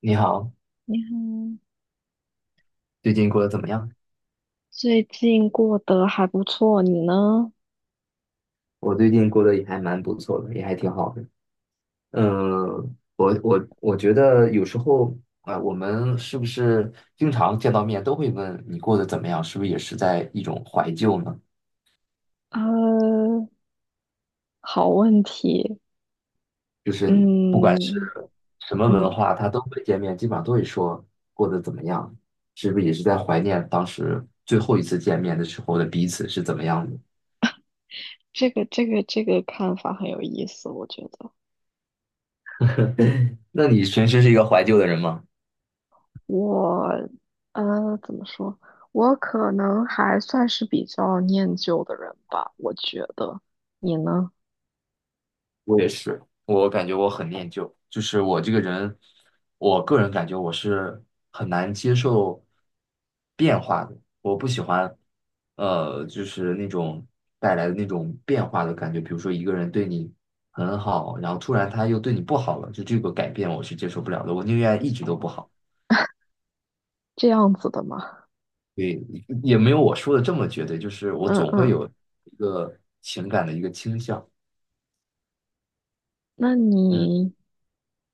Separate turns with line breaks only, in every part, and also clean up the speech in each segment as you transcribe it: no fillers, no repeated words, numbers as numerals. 你好，
你好，
最近过得怎么样？
最近过得还不错，你呢？
我最近过得也还蛮不错的，也还挺好的。我觉得有时候我们是不是经常见到面都会问你过得怎么样？是不是也是在一种怀旧呢？
呃，好问题。
就是
嗯
什么文
嗯，
化他都会见面，基本上都会说过得怎么样，是不是也是在怀念当时最后一次见面的时候的彼此是怎么样的？
这个看法很有意思，我觉得
那你平时是一个怀旧的人吗？
我怎么说？我可能还算是比较念旧的人吧，我觉得。你呢？
我也是，我感觉我很念旧，就是我这个人，我个人感觉我是很难接受变化的，我不喜欢，就是那种带来的那种变化的感觉，比如说一个人对你很好，然后突然他又对你不好了，就这个改变我是接受不了的，我宁愿一直都不好。
这样子的吗？
对，也没有我说的这么绝对，就是我
嗯
总会
嗯，
有一个情感的一个倾向，
那
嗯
你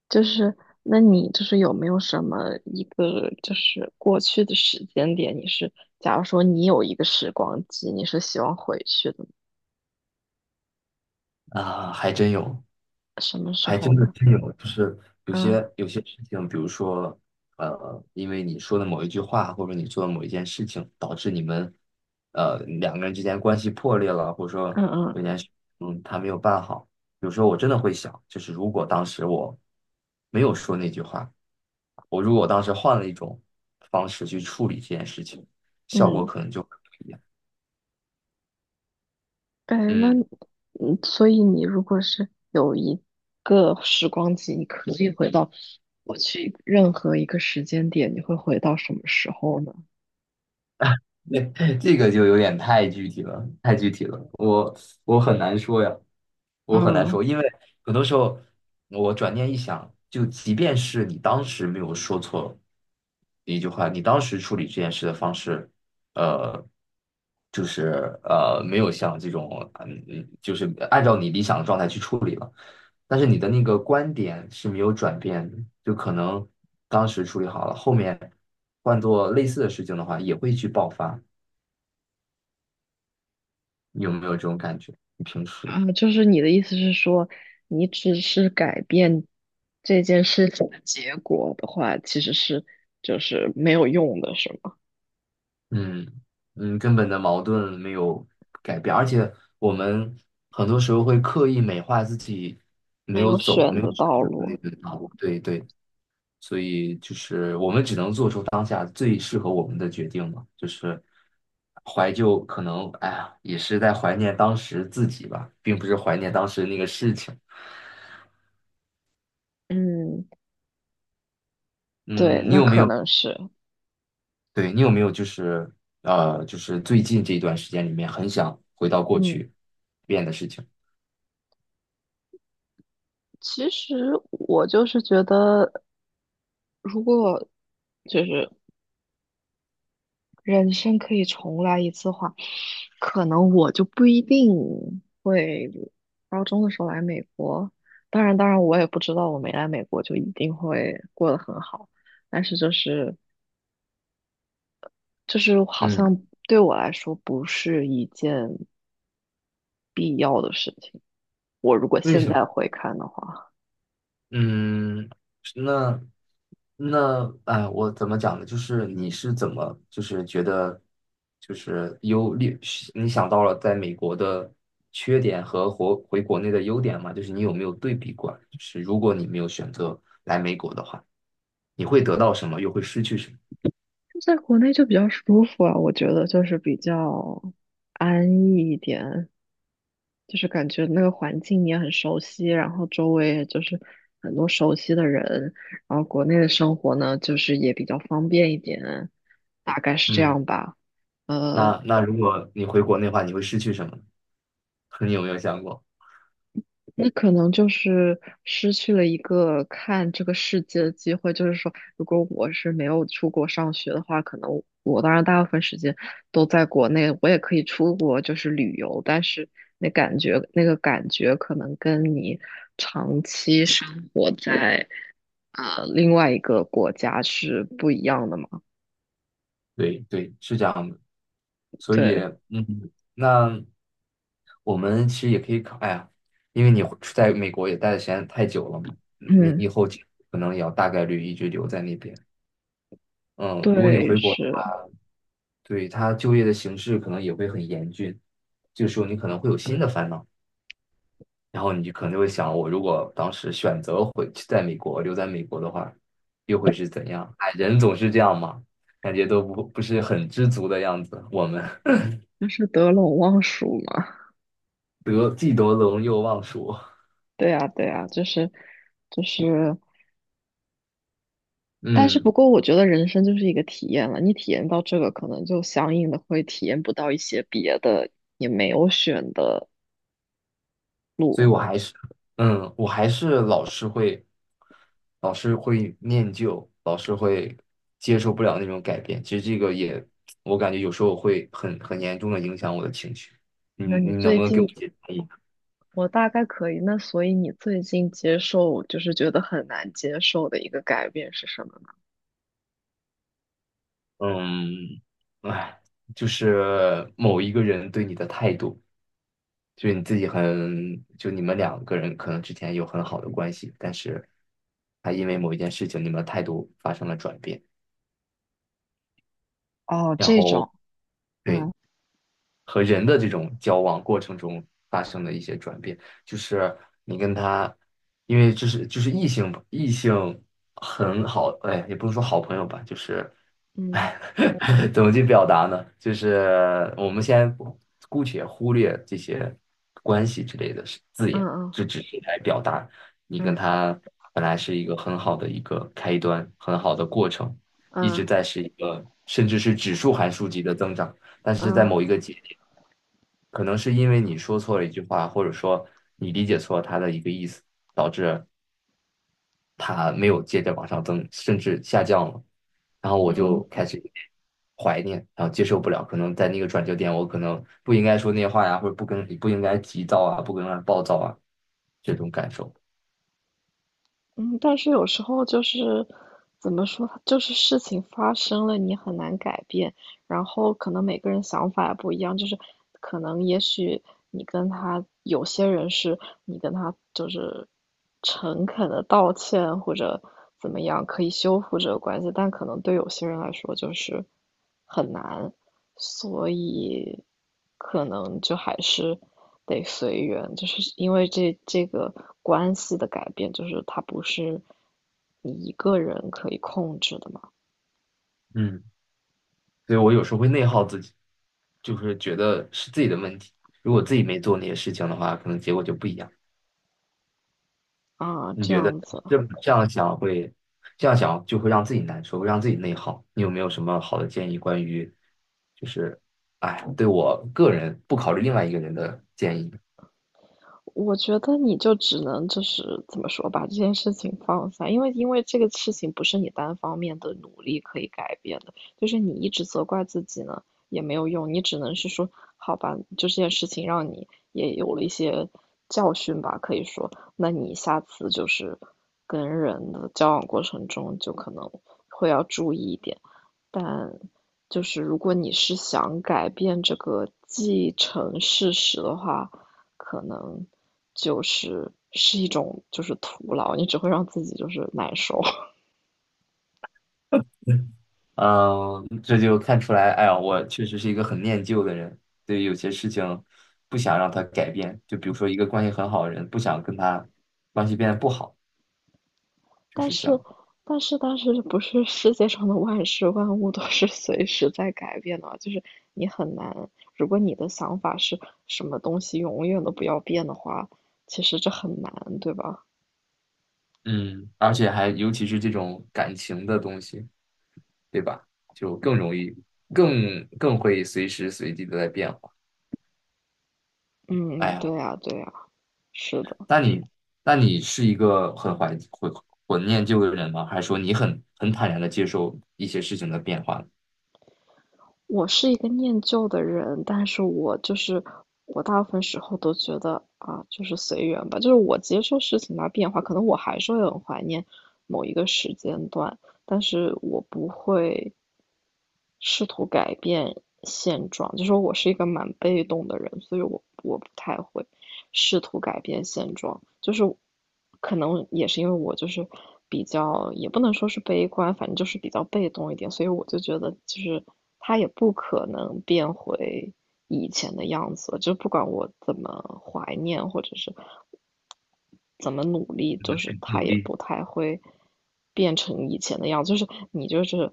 就是，那你有没有什么一个过去的时间点？你是，假如说你有一个时光机，你是希望回去的，
啊，还真有。
什么时
还
候
真的
呢？
真有，就是有
嗯
些有些事情，比如说，因为你说的某一句话，或者你做的某一件事情，导致你们，两个人之间关系破裂了，或者说
嗯嗯
有件事，嗯，他没有办好。有时候我真的会想，就是如果当时我没有说那句话，我如果当时换了一种方式去处理这件事情，效果
嗯，
可能就会不一样。
哎，那
嗯
你嗯，所以你如果是有一个时光机，你可以回到过去任何一个时间点，你会回到什么时候呢？
那这个就有点太具体了，太具体了，我很难说呀，我很难说，
嗯，
因为很多时候我转念一想，就即便是你当时没有说错一句话，你当时处理这件事的方式，呃，就是没有像这种嗯嗯，就是按照你理想的状态去处理了，但是你的那个观点是没有转变的，就可能当时处理好了，后面换做类似的事情的话，也会去爆发。你有没有这种感觉？你平时，
啊，就是你的意思是说，你只是改变这件事情的结果的话，其实是没有用的，是吗？
嗯嗯，根本的矛盾没有改变，而且我们很多时候会刻意美化自己没
没
有
有
走、
选
没有
的
选
道
择的那
路。
个道路。对对，所以就是我们只能做出当下最适合我们的决定嘛，就是怀旧，可能哎呀，也是在怀念当时自己吧，并不是怀念当时那个事情。
嗯，对，
嗯，你
那
有没
可
有？
能是。
对，你有没有就是就是最近这一段时间里面很想回到过
嗯，
去变的事情？
其实我就是觉得，如果就是人生可以重来一次的话，可能我就不一定会高中的时候来美国。当然，当然，我也不知道我没来美国就一定会过得很好。但是就是好
嗯，
像对我来说不是一件必要的事情。我如果
为
现
什么？
在回看的话，
嗯，那那哎，我怎么讲呢？就是你是怎么就是觉得就是优劣，你想到了在美国的缺点和回国内的优点吗？就是你有没有对比过来？就是如果你没有选择来美国的话，你会得到什么，又会失去什么？
就在国内就比较舒服啊，我觉得就是比较安逸一点，就是感觉那个环境你也很熟悉，然后周围也就是很多熟悉的人，然后国内的生活呢，就是也比较方便一点，大概是这
嗯。
样吧。呃，
那那如果你回国内的话，你会失去什么呢？你有没有想过？
那可能就是失去了一个看这个世界的机会。就是说，如果我是没有出国上学的话，可能我当然大部分时间都在国内，我也可以出国就是旅游，但是那个感觉可能跟你长期生活在另外一个国家是不一样的嘛。
对对，是这样的。所以，
对，
嗯，那我们其实也可以考，哎呀，因为你回在美国也待的时间太久了嘛，你
嗯，
以后可能也要大概率一直留在那边。嗯，如果你
对，
回国的话，
是，
对他就业的形势可能也会很严峻，这个时候你可能会有新的烦恼。然后你就可能会想，我如果当时选择回去在美国留在美国的话，又会是怎样？哎，人总是这样嘛，感觉都不是很知足的样子。我们
就是得陇望蜀嘛。
得既得陇又忘蜀，
对呀，对呀，就是。但是不
嗯，
过，我觉得人生就是一个体验了。你体验到这个，可能就相应的会体验不到一些别的，也没有选的。
所以我还是，嗯，我还是老是会，老是会念旧，老是会接受不了那种改变。其实这个也，我感觉有时候会很严重的影响我的情绪。你
那你
你能
最
不能给我一
近，
些建议？
我大概可以。那所以你最近接受，就是觉得很难接受的一个改变是什么呢？
嗯，哎，就是某一个人对你的态度，就是你自己很，就你们两个人可能之前有很好的关系，但是他因为某一件事情，你们的态度发生了转变，
哦，
然
这
后
种，
对，
嗯
和人的这种交往过程中发生的一些转变，就是你跟他，因为就是异性吧，异性很好，哎，也不能说好朋友吧，就是，
嗯
哎，怎么去表达呢？就是我们先姑且忽略这些关系之类的是字眼，
嗯
这只是来表达你跟
嗯
他本来是一个很好的一个开端，很好的过程，一直
嗯
在是一个甚至是指数函数级的增长。但是在
嗯
某一个节点，可能是因为你说错了一句话，或者说你理解错了它的一个意思，导致它没有接着往上增，甚至下降了。然后我就
嗯
开始有点怀念，然后接受不了。可能在那个转折点，我可能不应该说那些话呀，或者不应该急躁啊，不应该暴躁啊，这种感受。
嗯，但是有时候就是怎么说，就是事情发生了，你很难改变。然后可能每个人想法也不一样，就是可能也许你跟他有些人是你跟他就是诚恳的道歉或者怎么样可以修复这个关系，但可能对有些人来说就是很难，所以可能就还是得随缘，就是因为这个关系的改变，就是它不是你一个人可以控制的嘛，
嗯所以我有时候会内耗自己，就是觉得是自己的问题。如果自己没做那些事情的话，可能结果就不一样。
啊，
你
这
觉得
样子。
这样想会，这样想就会让自己难受，会让自己内耗。你有没有什么好的建议关于，就是，哎，对我个人不考虑另外一个人的建议？
我觉得你就只能就是怎么说，把这件事情放下，因为这个事情不是你单方面的努力可以改变的，就是你一直责怪自己呢也没有用，你只能是说，好吧，就这件事情让你也有了一些教训吧，可以说，那你下次就是跟人的交往过程中就可能会要注意一点，但就是如果你是想改变这个既成事实的话，可能。就是是一种就是徒劳，你只会让自己就是难受。
嗯，这就看出来，哎呀，我确实是一个很念旧的人，对于有些事情不想让他改变。就比如说一个关系很好的人，不想跟他关系变得不好，就
但
是这
是，
样。
但是，但是，不是世界上的万事万物都是随时在改变的啊，就是你很难。如果你的想法是什么东西永远都不要变的话，其实这很难，对吧？
嗯，而且还尤其是这种感情的东西。对吧？就更容易，更会随时随地的在变化。哎
嗯，对
呀，
呀，对呀，是的。
那你那你是一个很怀念旧的人吗？还是说你很坦然的接受一些事情的变化，
我是一个念旧的人，但是我就是我大部分时候都觉得啊，就是随缘吧，就是我接受事情的变化，可能我还是会很怀念某一个时间段，但是我不会试图改变现状，就说我是一个蛮被动的人，所以我不太会试图改变现状，就是可能也是因为我就是比较，也不能说是悲观，反正就是比较被动一点，所以我就觉得就是他也不可能变回以前的样子就不管我怎么怀念或者是怎么努力，就是他
努
也
力
不太会变成以前的样子。就是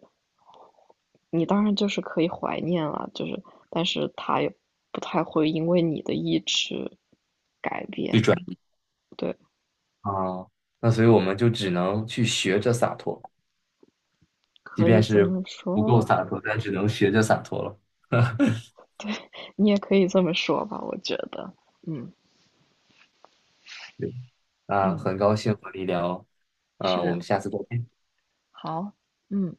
你当然就是可以怀念了，就是但是他也不太会因为你的意志改
去
变。
转
对，
啊？那所以我们就只能去学着洒脱，即
可以
便
这
是
么
不够
说，
洒脱，但只能学着洒脱了。
你也可以这么说吧，我觉得，嗯
对，那
嗯，
很高兴和你聊，呃，我
是
们下次再见。
好，嗯。